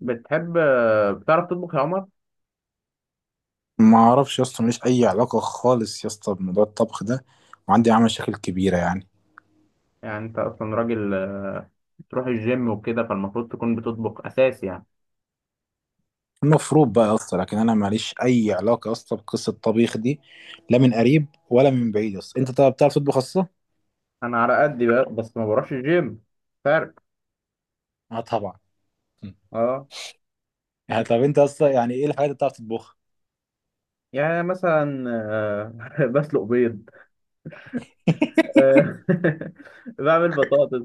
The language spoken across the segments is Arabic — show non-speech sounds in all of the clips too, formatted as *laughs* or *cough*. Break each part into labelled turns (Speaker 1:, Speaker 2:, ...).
Speaker 1: بتحب بتعرف تطبخ يا عمر؟
Speaker 2: ما اعرفش يا اسطى، ماليش اي علاقه خالص يا اسطى بموضوع الطبخ ده، وعندي معاه مشاكل كبيره
Speaker 1: يعني انت اصلا راجل، بتروح الجيم وكده، فالمفروض تكون بتطبخ اساسي يعني.
Speaker 2: المفروض بقى يا اسطى، لكن انا ماليش اي علاقه يا اسطى بقصه الطبيخ دي، لا من قريب ولا من بعيد يا اسطى. انت طب بتعرف تطبخ اصلا؟
Speaker 1: انا على قدي بقى، بس ما بروحش الجيم. فرق.
Speaker 2: اه طبعا. م.
Speaker 1: اه،
Speaker 2: آه، طب انت اصلا يعني ايه الحاجات اللي بتعرف تطبخها؟
Speaker 1: يعني مثلا *laughs* بسلق بيض.
Speaker 2: *laughs*
Speaker 1: آه، *laughs* بعمل بطاطس.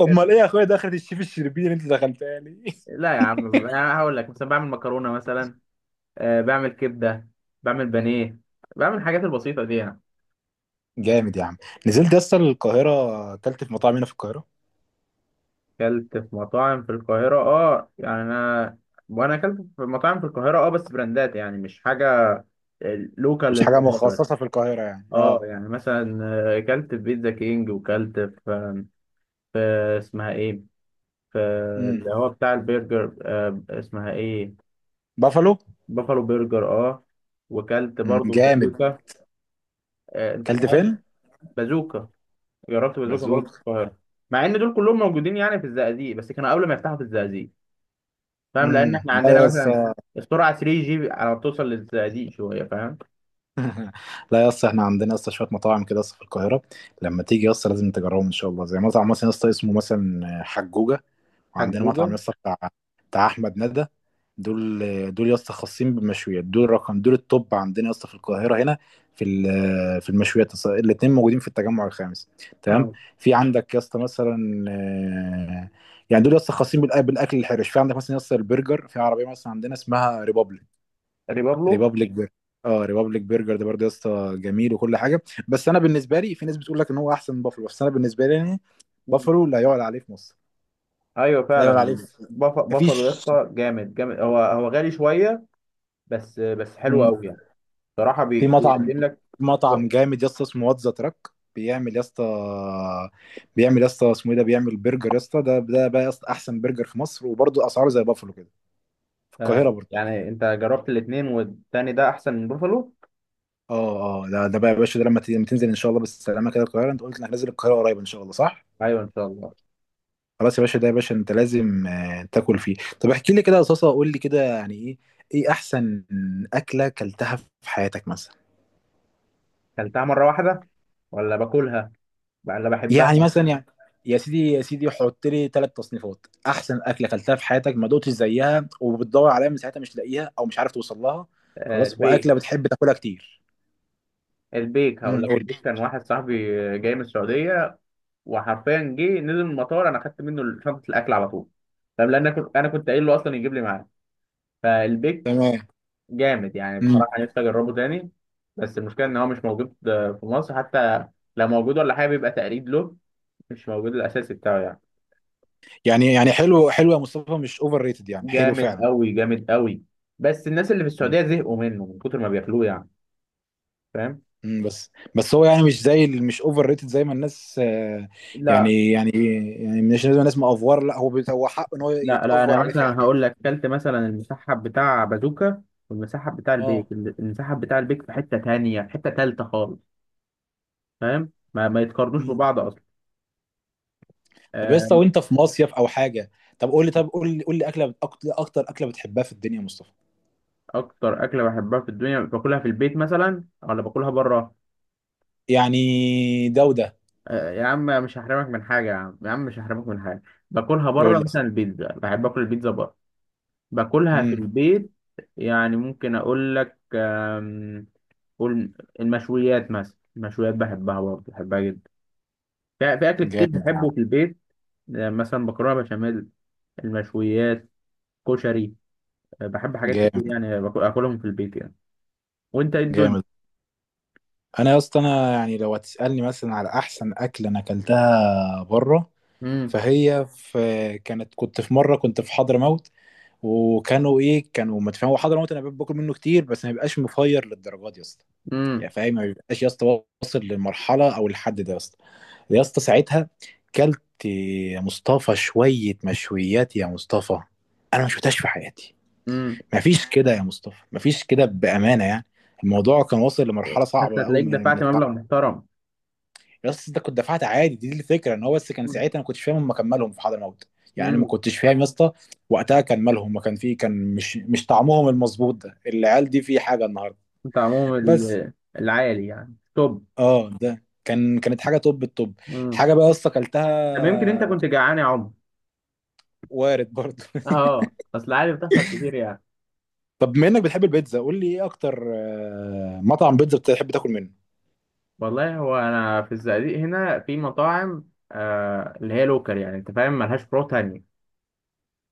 Speaker 2: امال ايه يا اخويا، دخلت الشيف الشربيني اللي انت دخلتها لي.
Speaker 1: لا يا عم، يعني هقول لك مثلا بعمل مكرونه مثلا. بعمل كبده. بعمل بانيه. بعمل الحاجات البسيطه دي يعني.
Speaker 2: *laughs* جامد يا عم. نزلت يا اسطى القاهره، اكلت في مطاعم هنا في القاهره؟
Speaker 1: اكلت في مطاعم في القاهرة، يعني انا. وانا اكلت في مطاعم في القاهرة، بس براندات يعني، مش حاجة لوكال
Speaker 2: مش حاجه
Speaker 1: للقاهرة بس.
Speaker 2: مخصصه في القاهره يعني،
Speaker 1: اه،
Speaker 2: اه.
Speaker 1: يعني مثلا، اكلت في بيتزا كينج وكلت في اسمها ايه، في
Speaker 2: امم.
Speaker 1: اللي هو بتاع البرجر، اسمها ايه؟
Speaker 2: بافالو.
Speaker 1: بافالو برجر، اه. وكلت
Speaker 2: امم،
Speaker 1: برضو في
Speaker 2: جامد.
Speaker 1: بازوكا. انت
Speaker 2: اكلت
Speaker 1: فاهم؟
Speaker 2: فين؟
Speaker 1: بازوكا، جربت بازوكا برضو في
Speaker 2: بازوك.
Speaker 1: القاهرة، مع ان دول كلهم موجودين يعني في الزقازيق، بس كانوا قبل ما يفتحوا في الزقازيق. فاهم؟ لان
Speaker 2: امم.
Speaker 1: احنا
Speaker 2: لا يا
Speaker 1: عندنا مثلا
Speaker 2: اسطى.
Speaker 1: السرعه 3 جي على ما توصل للزقازيق شويه، فاهم؟
Speaker 2: لا يا اسطى، احنا عندنا يا اسطى شويه مطاعم كده يا اسطى في القاهره، لما تيجي يا اسطى لازم تجربهم ان شاء الله، زي مطعم مثلا يا اسطى اسمه مثلا حجوجه، وعندنا مطعم
Speaker 1: حجوجه.
Speaker 2: يا اسطى بتاع، بتاع احمد ندى. دول دول يا اسطى خاصين بالمشويات، دول رقم، دول التوب عندنا يا اسطى في القاهره هنا. في المشويات الاثنين موجودين في التجمع الخامس، تمام.
Speaker 1: اه،
Speaker 2: في عندك يا اسطى مثلا يعني دول يا اسطى خاصين بالاكل الحرش. في عندك مثلا يا اسطى البرجر، في عربيه مثلا عندنا اسمها ريبابليك،
Speaker 1: ريبابلو.
Speaker 2: ريبابليك برجر. اه، ريبابليك برجر ده برضه يا اسطى جميل وكل حاجه، بس انا بالنسبه لي في ناس بتقول لك ان هو احسن من بافلو، بس انا بالنسبه لي يعني
Speaker 1: مم.
Speaker 2: بافلو لا يعلى عليه في مصر.
Speaker 1: ايوه،
Speaker 2: لا يعلى عليه
Speaker 1: فعلا.
Speaker 2: في،
Speaker 1: بافالو
Speaker 2: مفيش.
Speaker 1: يا اسطى، جامد جامد، هو هو غالي شويه، بس بس حلو
Speaker 2: مم.
Speaker 1: قوي يعني. صراحه،
Speaker 2: في مطعم،
Speaker 1: بيقدم لك.
Speaker 2: مطعم جامد يا اسطى اسمه واتزا تراك، بيعمل يا اسطى، بيعمل يا اسطى اسمه ايه ده، بيعمل برجر يا اسطى. ده بقى يا اسطى احسن برجر في مصر، وبرضه اسعاره زي بافلو كده، في القاهره برضه.
Speaker 1: يعني انت جربت الاثنين والتاني ده احسن من بافالو؟
Speaker 2: اه اه، ده بقى يا باشا، ده لما لما تنزل ان شاء الله بالسلامه كده القاهره، انت قلت انك نازل القاهره قريب ان شاء الله، صح؟
Speaker 1: ايوه، ان شاء الله.
Speaker 2: خلاص يا باشا، ده يا باشا انت لازم تاكل فيه. طب احكي لي كده يا صاصه، قول لي كده يعني ايه، ايه احسن اكله كلتها في حياتك مثلا؟
Speaker 1: كلتها مره واحده، ولا باكلها، ولا بحبها.
Speaker 2: يعني مثلا يعني يا سيدي يا سيدي، حط لي ثلاث تصنيفات: احسن اكله كلتها في حياتك ما دقتش زيها وبتدور عليها من ساعتها مش لاقيها او مش عارف توصل لها، خلاص،
Speaker 1: البيك.
Speaker 2: واكله بتحب تاكلها كتير.
Speaker 1: البيك هقول
Speaker 2: امم،
Speaker 1: لك،
Speaker 2: قول
Speaker 1: البيك
Speaker 2: لي.
Speaker 1: كان واحد صاحبي جاي من السعوديه، وحرفيا جه نزل من المطار، انا خدت منه شنطه الاكل على طول. طب لان انا كنت قايل له اصلا يجيب لي معاه. فالبيك
Speaker 2: تمام.
Speaker 1: جامد يعني،
Speaker 2: امم.
Speaker 1: بصراحه نفسي اجربه تاني. بس المشكله ان هو مش موجود في مصر حتى. لو موجود ولا حاجه بيبقى تقليد له، مش موجود الاساسي بتاعه يعني.
Speaker 2: يعني، يعني حلو يا مصطفى، مش اوفر ريتد، يعني حلو
Speaker 1: جامد
Speaker 2: فعلا.
Speaker 1: قوي، جامد قوي. بس الناس اللي في السعوديه زهقوا منه من كتر ما بياكلوه يعني. فاهم؟
Speaker 2: مم، بس. بس هو يعني مش اوفر ريتد زي ما الناس
Speaker 1: لا
Speaker 2: يعني يعني، يعني مش لازم الناس مأفور، لا هو هو حقه ان هو
Speaker 1: لا لا، انا
Speaker 2: يتأفور عليه
Speaker 1: مثلا
Speaker 2: فعلا.
Speaker 1: هقول لك كلت مثلا المسحب بتاع بازوكا والمسحب بتاع
Speaker 2: اه.
Speaker 1: البيك. المسحب بتاع البيك في حته تانية، في حته تالته خالص. فاهم؟ ما, ما يتقارنوش
Speaker 2: مم.
Speaker 1: ببعض اصلا.
Speaker 2: طب يا
Speaker 1: آه،
Speaker 2: اسطى، وانت في مصيف او حاجه، طب قول لي، طب قول لي، قول لي اكله اكتر اكله بتحبها في الدنيا يا مصطفى؟
Speaker 1: اكتر اكله بحبها في الدنيا، باكلها في البيت مثلا ولا باكلها بره؟
Speaker 2: يعني ده وده،
Speaker 1: يا عم، مش هحرمك من حاجه يا عم، يا عم مش هحرمك من حاجه. باكلها
Speaker 2: قول
Speaker 1: بره
Speaker 2: لي
Speaker 1: مثلا
Speaker 2: اصلا.
Speaker 1: البيتزا، بحب اكل البيتزا بره. باكلها في
Speaker 2: امم.
Speaker 1: البيت يعني، ممكن اقول لك قول. المشويات مثلا، المشويات بحبها برضه، بحبها جدا. في اكل كتير
Speaker 2: جامد.
Speaker 1: بحبه في البيت. مثلا مكرونه بشاميل، المشويات، كشري. بحب حاجات كتير
Speaker 2: جامد.
Speaker 1: يعني، اكلهم في البيت يعني. وانت ايه الدنيا؟
Speaker 2: جامد. انا يا اسطى، انا يعني لو هتسالني مثلا على احسن اكله انا اكلتها بره،
Speaker 1: امم
Speaker 2: فهي في، كانت، كنت في مره، كنت في حضرموت، وكانوا ايه، كانوا متفاهمين. هو حضرموت انا باكل منه كتير بس ما بيبقاش مفير للدرجات يا اسطى،
Speaker 1: امم
Speaker 2: يعني فاهم ما بيبقاش يا اسطى واصل للمرحله او الحد ده يا اسطى. يا اسطى ساعتها كلت يا مصطفى شويه مشويات يا مصطفى انا ما شفتهاش في حياتي.
Speaker 1: امم
Speaker 2: ما فيش كده يا مصطفى، ما فيش كده بامانه يعني. الموضوع كان واصل لمرحله
Speaker 1: بس
Speaker 2: صعبه قوي
Speaker 1: هتلاقيك
Speaker 2: من
Speaker 1: دفعت
Speaker 2: التعب.
Speaker 1: مبلغ محترم.
Speaker 2: يس، ده كنت دفعت عادي، دي الفكره، ان هو بس كان ساعتها انا ما كنتش فاهم هم كان مالهم في حضرموت. يعني انا ما
Speaker 1: امم
Speaker 2: كنتش فاهم يا اسطى وقتها كان مالهم، ما كان في، كان مش طعمهم المظبوط ده العيال دي في حاجه النهارده.
Speaker 1: انت عموما
Speaker 2: بس،
Speaker 1: العالي يعني توب.
Speaker 2: اه ده كان، كانت حاجه توب التوب.
Speaker 1: امم
Speaker 2: حاجه بقى يا اسطى اكلتها
Speaker 1: طب يمكن انت كنت جعان يا عمر؟
Speaker 2: وارد برضه.
Speaker 1: اه،
Speaker 2: *laughs*
Speaker 1: اصل العالي بتحصل كتير يعني.
Speaker 2: طب بما انك بتحب البيتزا، قول لي ايه اكتر مطعم بيتزا بتحب تاكل منه؟
Speaker 1: والله، هو انا في الزقازيق هنا في مطاعم اللي هي لوكال يعني، انت فاهم ملهاش فروع تانية.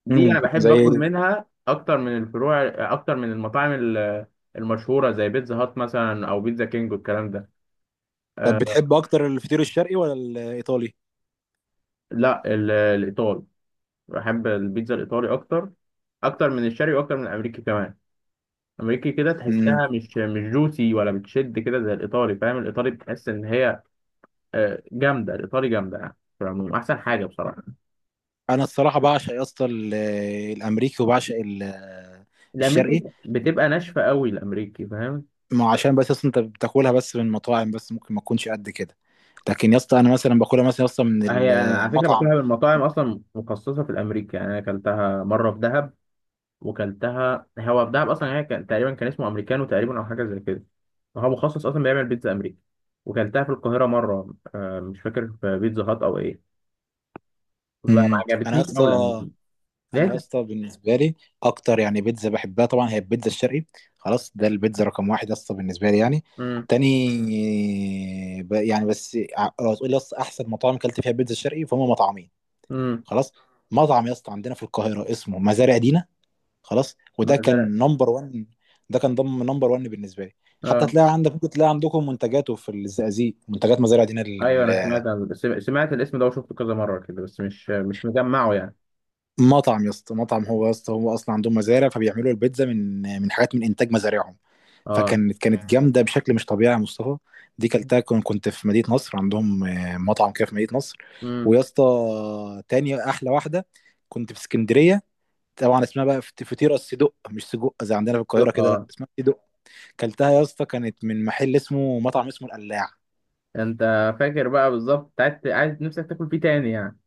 Speaker 1: دي
Speaker 2: امم،
Speaker 1: انا بحب
Speaker 2: زي.
Speaker 1: اكل منها اكتر من الفروع، اكتر من المطاعم المشهورة زي بيتزا هات مثلا او بيتزا كينج والكلام ده.
Speaker 2: طب
Speaker 1: آه
Speaker 2: بتحب اكتر الفطير الشرقي ولا الايطالي؟
Speaker 1: لا، ال- الايطال بحب البيتزا الإيطالي أكتر، أكتر من الشرقي وأكتر من الأمريكي كمان. الأمريكي كده تحسها مش جوسي، ولا بتشد كده زي الإيطالي. فاهم؟ الإيطالي بتحس إن هي جامدة. الإيطالي جامدة يعني، في العموم أحسن حاجة بصراحة.
Speaker 2: انا الصراحه بعشق يا اسطى الامريكي، وبعشق الشرقي.
Speaker 1: الأمريكي بتبقى ناشفة قوي الأمريكي، فاهم؟
Speaker 2: ما عشان بس اصلا انت بتاكلها بس من مطاعم، بس ممكن ما تكونش قد كده، لكن يا اسطى انا مثلا باكلها مثلا يا اسطى من
Speaker 1: هي أنا على فكرة
Speaker 2: المطعم.
Speaker 1: باكلها من مطاعم أصلا مخصصة في الأمريكي يعني. أنا أكلتها مرة في دهب، وكلتها هو في دهب اصلا. هي كان تقريبا كان اسمه امريكانو تقريبا، او حاجه زي كده. هو مخصص اصلا بيعمل بيتزا امريكا. وكلتها في القاهره مره، مش فاكر في بيتزا هات او ايه. بقى
Speaker 2: امم.
Speaker 1: ما
Speaker 2: انا يا
Speaker 1: عجبتنيش
Speaker 2: اسطى،
Speaker 1: اول امريكانو
Speaker 2: انا
Speaker 1: لقيت.
Speaker 2: يا اسطى بالنسبه لي اكتر يعني بيتزا بحبها طبعا هي البيتزا الشرقي. خلاص، ده البيتزا رقم واحد يا اسطى بالنسبه لي يعني.
Speaker 1: امم
Speaker 2: تاني، يعني بس لو هتقول لي يا اسطى احسن مطاعم اكلت فيها بيتزا شرقي، فهم مطعمين.
Speaker 1: امم
Speaker 2: خلاص، مطعم يا اسطى عندنا في القاهره اسمه مزارع دينا. خلاص، وده
Speaker 1: مثلا.
Speaker 2: كان نمبر 1. ده كان ضم نمبر 1 بالنسبه لي. حتى
Speaker 1: اه،
Speaker 2: تلاقي عندك، ممكن تلاقي عندكم منتجاته في الزقازيق، منتجات مزارع دينا
Speaker 1: ايوه، انا
Speaker 2: لل-.
Speaker 1: سمعت عن سمعت الاسم ده وشفته كذا مره كده، بس مش مش مجمعه يعني.
Speaker 2: مطعم يا اسطى، مطعم هو يا اسطى هو اصلا عندهم مزارع، فبيعملوا البيتزا من حاجات من انتاج مزارعهم.
Speaker 1: اه،
Speaker 2: فكانت جامده بشكل مش طبيعي يا مصطفى. دي كلتها كنت في مدينه نصر، عندهم مطعم كده في مدينه نصر.
Speaker 1: امم
Speaker 2: ويا اسطى، تاني احلى واحده كنت في اسكندريه. طبعا اسمها بقى فطيره الصدق، مش سجق زي عندنا في القاهره كده، لا
Speaker 1: اه،
Speaker 2: اسمها، كلتها يا اسطى كانت من محل اسمه، مطعم اسمه القلاع.
Speaker 1: انت فاكر بقى بالظبط، انت عايز، عايز نفسك تاكل فيه تاني يعني.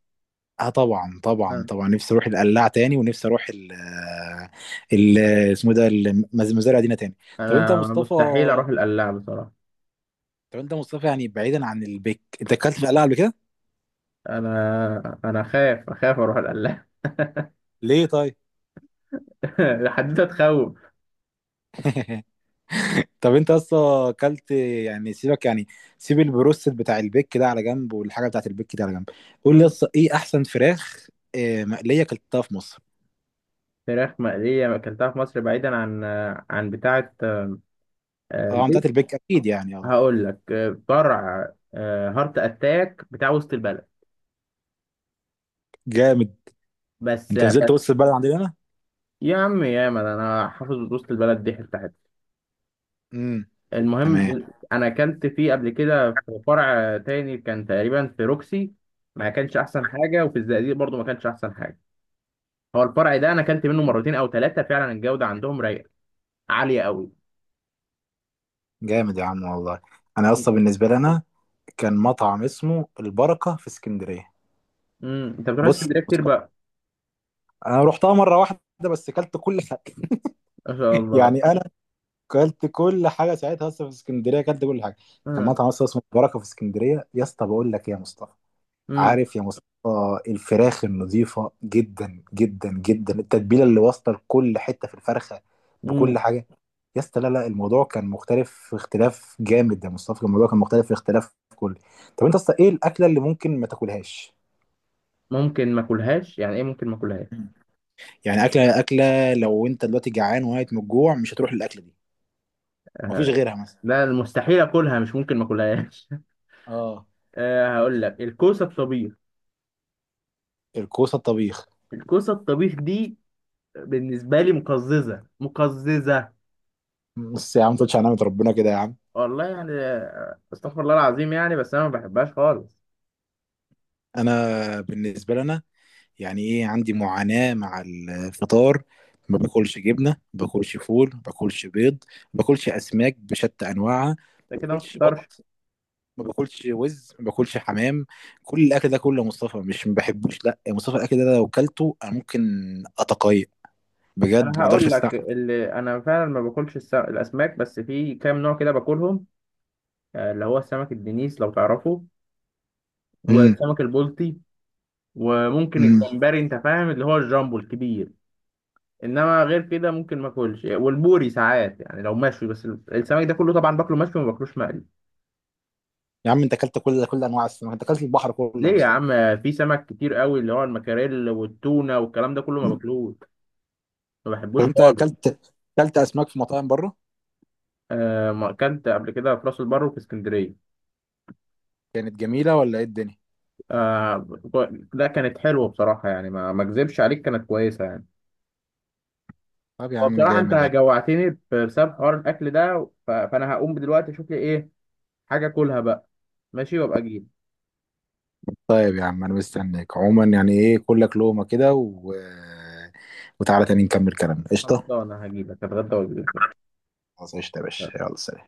Speaker 2: اه طبعا طبعا
Speaker 1: آه.
Speaker 2: طبعا، نفسي اروح القلاع تاني، ونفسي اروح ال ال، اسمه ده مزارع دينا تاني. طب انت يا
Speaker 1: انا
Speaker 2: مصطفى،
Speaker 1: مستحيل اروح القلاع بصراحه.
Speaker 2: طب انت يا مصطفى، يعني بعيدا عن البيك، انت اكلت في القلاع قبل كده؟
Speaker 1: انا اخاف اروح القلاع.
Speaker 2: ليه طيب؟
Speaker 1: *laughs* الحدوته تخوف.
Speaker 2: *laughs* طب انت اصلا اكلت، يعني سيبك يعني، سيب البروستد بتاع البيك ده على جنب، والحاجه بتاعت البيك دي على جنب، قول لي
Speaker 1: مم.
Speaker 2: اصلا ايه احسن فراخ مقليه اكلتها في مصر؟
Speaker 1: فراخ مقليه اكلتها في مصر، بعيدا عن بتاعه،
Speaker 2: اه بتاعت
Speaker 1: البيت.
Speaker 2: البيك اكيد يعني، اه.
Speaker 1: هقول لك فرع هارت اتاك بتاع وسط البلد.
Speaker 2: جامد.
Speaker 1: بس
Speaker 2: انت نزلت
Speaker 1: بس
Speaker 2: وسط البلد عندنا؟
Speaker 1: يا عم، يا ما انا حافظ وسط البلد دي حته حته.
Speaker 2: امم. تمام.
Speaker 1: المهم، انا اكلت فيه قبل كده في فرع تاني كان تقريبا في روكسي، ما كانش احسن حاجه. وفي الزقازيق برضو ما كانش احسن حاجه. هو الفرع ده انا اكلت منه مرتين او ثلاثه، فعلا الجوده عندهم رايقه عاليه قوي.
Speaker 2: جامد يا عم والله. انا اصلا بالنسبه لي، انا كان مطعم اسمه البركه في اسكندريه.
Speaker 1: انت بتروح
Speaker 2: بص
Speaker 1: اسكندريه
Speaker 2: بص،
Speaker 1: كتير بقى؟
Speaker 2: انا رحتها مره واحده بس اكلت كل حاجه. *laughs*
Speaker 1: ما شاء الله.
Speaker 2: يعني انا اكلت كل حاجه ساعتها اصلا في اسكندريه، اكلت كل حاجه. كان
Speaker 1: امم
Speaker 2: مطعم اصلا اسمه البركه في اسكندريه، يا اسطى بقول لك إيه يا مصطفى،
Speaker 1: امم
Speaker 2: عارف يا مصطفى الفراخ النظيفة جدا جدا جدا، التتبيلة اللي واصلة لكل حتة في الفرخة، بكل
Speaker 1: امم
Speaker 2: حاجة. يا اسطى لا لا، الموضوع كان مختلف في اختلاف جامد يا مصطفى، كان الموضوع كان مختلف في اختلاف كل. طب انت اصلا ايه الأكلة اللي ممكن ما تاكلهاش؟
Speaker 1: ممكن ما اكلهاش؟ يعني ايه ممكن ما اكلهاش.
Speaker 2: يعني أكلة لو انت دلوقتي جعان وميت من الجوع مش هتروح للأكلة دي، مفيش غيرها مثلا.
Speaker 1: لا، المستحيل اكلها مش ممكن ما اكلهاش.
Speaker 2: اه،
Speaker 1: *laughs* أه، هقول لك الكوسه الطبيخ.
Speaker 2: الكوسة الطبيخ.
Speaker 1: الكوسه الطبيخ دي بالنسبه لي، مقززه مقززه.
Speaker 2: بس يا عم، ما تقولش على نعمة ربنا كده يا عم.
Speaker 1: والله، يعني استغفر الله العظيم يعني، بس انا ما بحبهاش خالص.
Speaker 2: انا بالنسبة لنا، يعني ايه، عندي معاناة مع الفطار، ما باكلش جبنة، ما باكلش فول، ما باكلش بيض، ما باكلش أسماك بشتى أنواعها،
Speaker 1: ده
Speaker 2: ما
Speaker 1: كده ما
Speaker 2: باكلش
Speaker 1: تفطرش.
Speaker 2: بط، ما باكلش وز، ما باكلش حمام. كل الأكل ده كله يا مصطفى مش ما بحبوش، لا يا مصطفى الأكل ده لو كلته أنا ممكن أتقيأ بجد،
Speaker 1: انا
Speaker 2: ما أقدرش
Speaker 1: هقول لك
Speaker 2: أستحمل.
Speaker 1: اللي انا فعلا ما باكلش، الاسماك. بس في كام نوع كده باكلهم، اللي هو سمك الدنيس لو تعرفه،
Speaker 2: امم.
Speaker 1: والسمك البلطي، وممكن
Speaker 2: امم.
Speaker 1: الجمبري، انت فاهم اللي هو الجامبو الكبير. انما غير كده ممكن ما اكلش، والبوري ساعات يعني لو مشوي. بس السمك ده كله طبعا باكله مشوي، ما باكلوش مقلي.
Speaker 2: يا عم أنت أكلت كل أنواع السمك، أنت أكلت البحر كله
Speaker 1: ليه
Speaker 2: يا
Speaker 1: يا
Speaker 2: مصطفى.
Speaker 1: عم؟ في سمك كتير قوي اللي هو المكاريل والتونه والكلام ده كله ما باكلوش، ما
Speaker 2: طب
Speaker 1: بحبوش
Speaker 2: أنت
Speaker 1: خالص.
Speaker 2: أكلت، أكلت أسماك في مطاعم بره؟
Speaker 1: آه، ما اكلت قبل كده في راس البر وفي اسكندريه.
Speaker 2: كانت جميلة ولا إيه الدنيا؟
Speaker 1: آه، ده كانت حلوه بصراحه يعني، ما ما اكذبش عليك كانت كويسه يعني.
Speaker 2: طب يا
Speaker 1: هو
Speaker 2: عم
Speaker 1: بصراحه انت
Speaker 2: جامد يعني.
Speaker 1: جوعتني بسبب حوار الاكل ده، فانا هقوم دلوقتي اشوف لي ايه حاجه اكلها بقى. ماشي، وابقى اجيلك.
Speaker 2: طيب يا عم انا مستنيك عموما، يعني ايه كلك لقمة كده، و... وتعالى تاني نكمل كلامنا، قشطة.
Speaker 1: خلصانة هجيبك، هتغدى واجيلك.
Speaker 2: خلاص قشطة يا باشا، يلا سلام.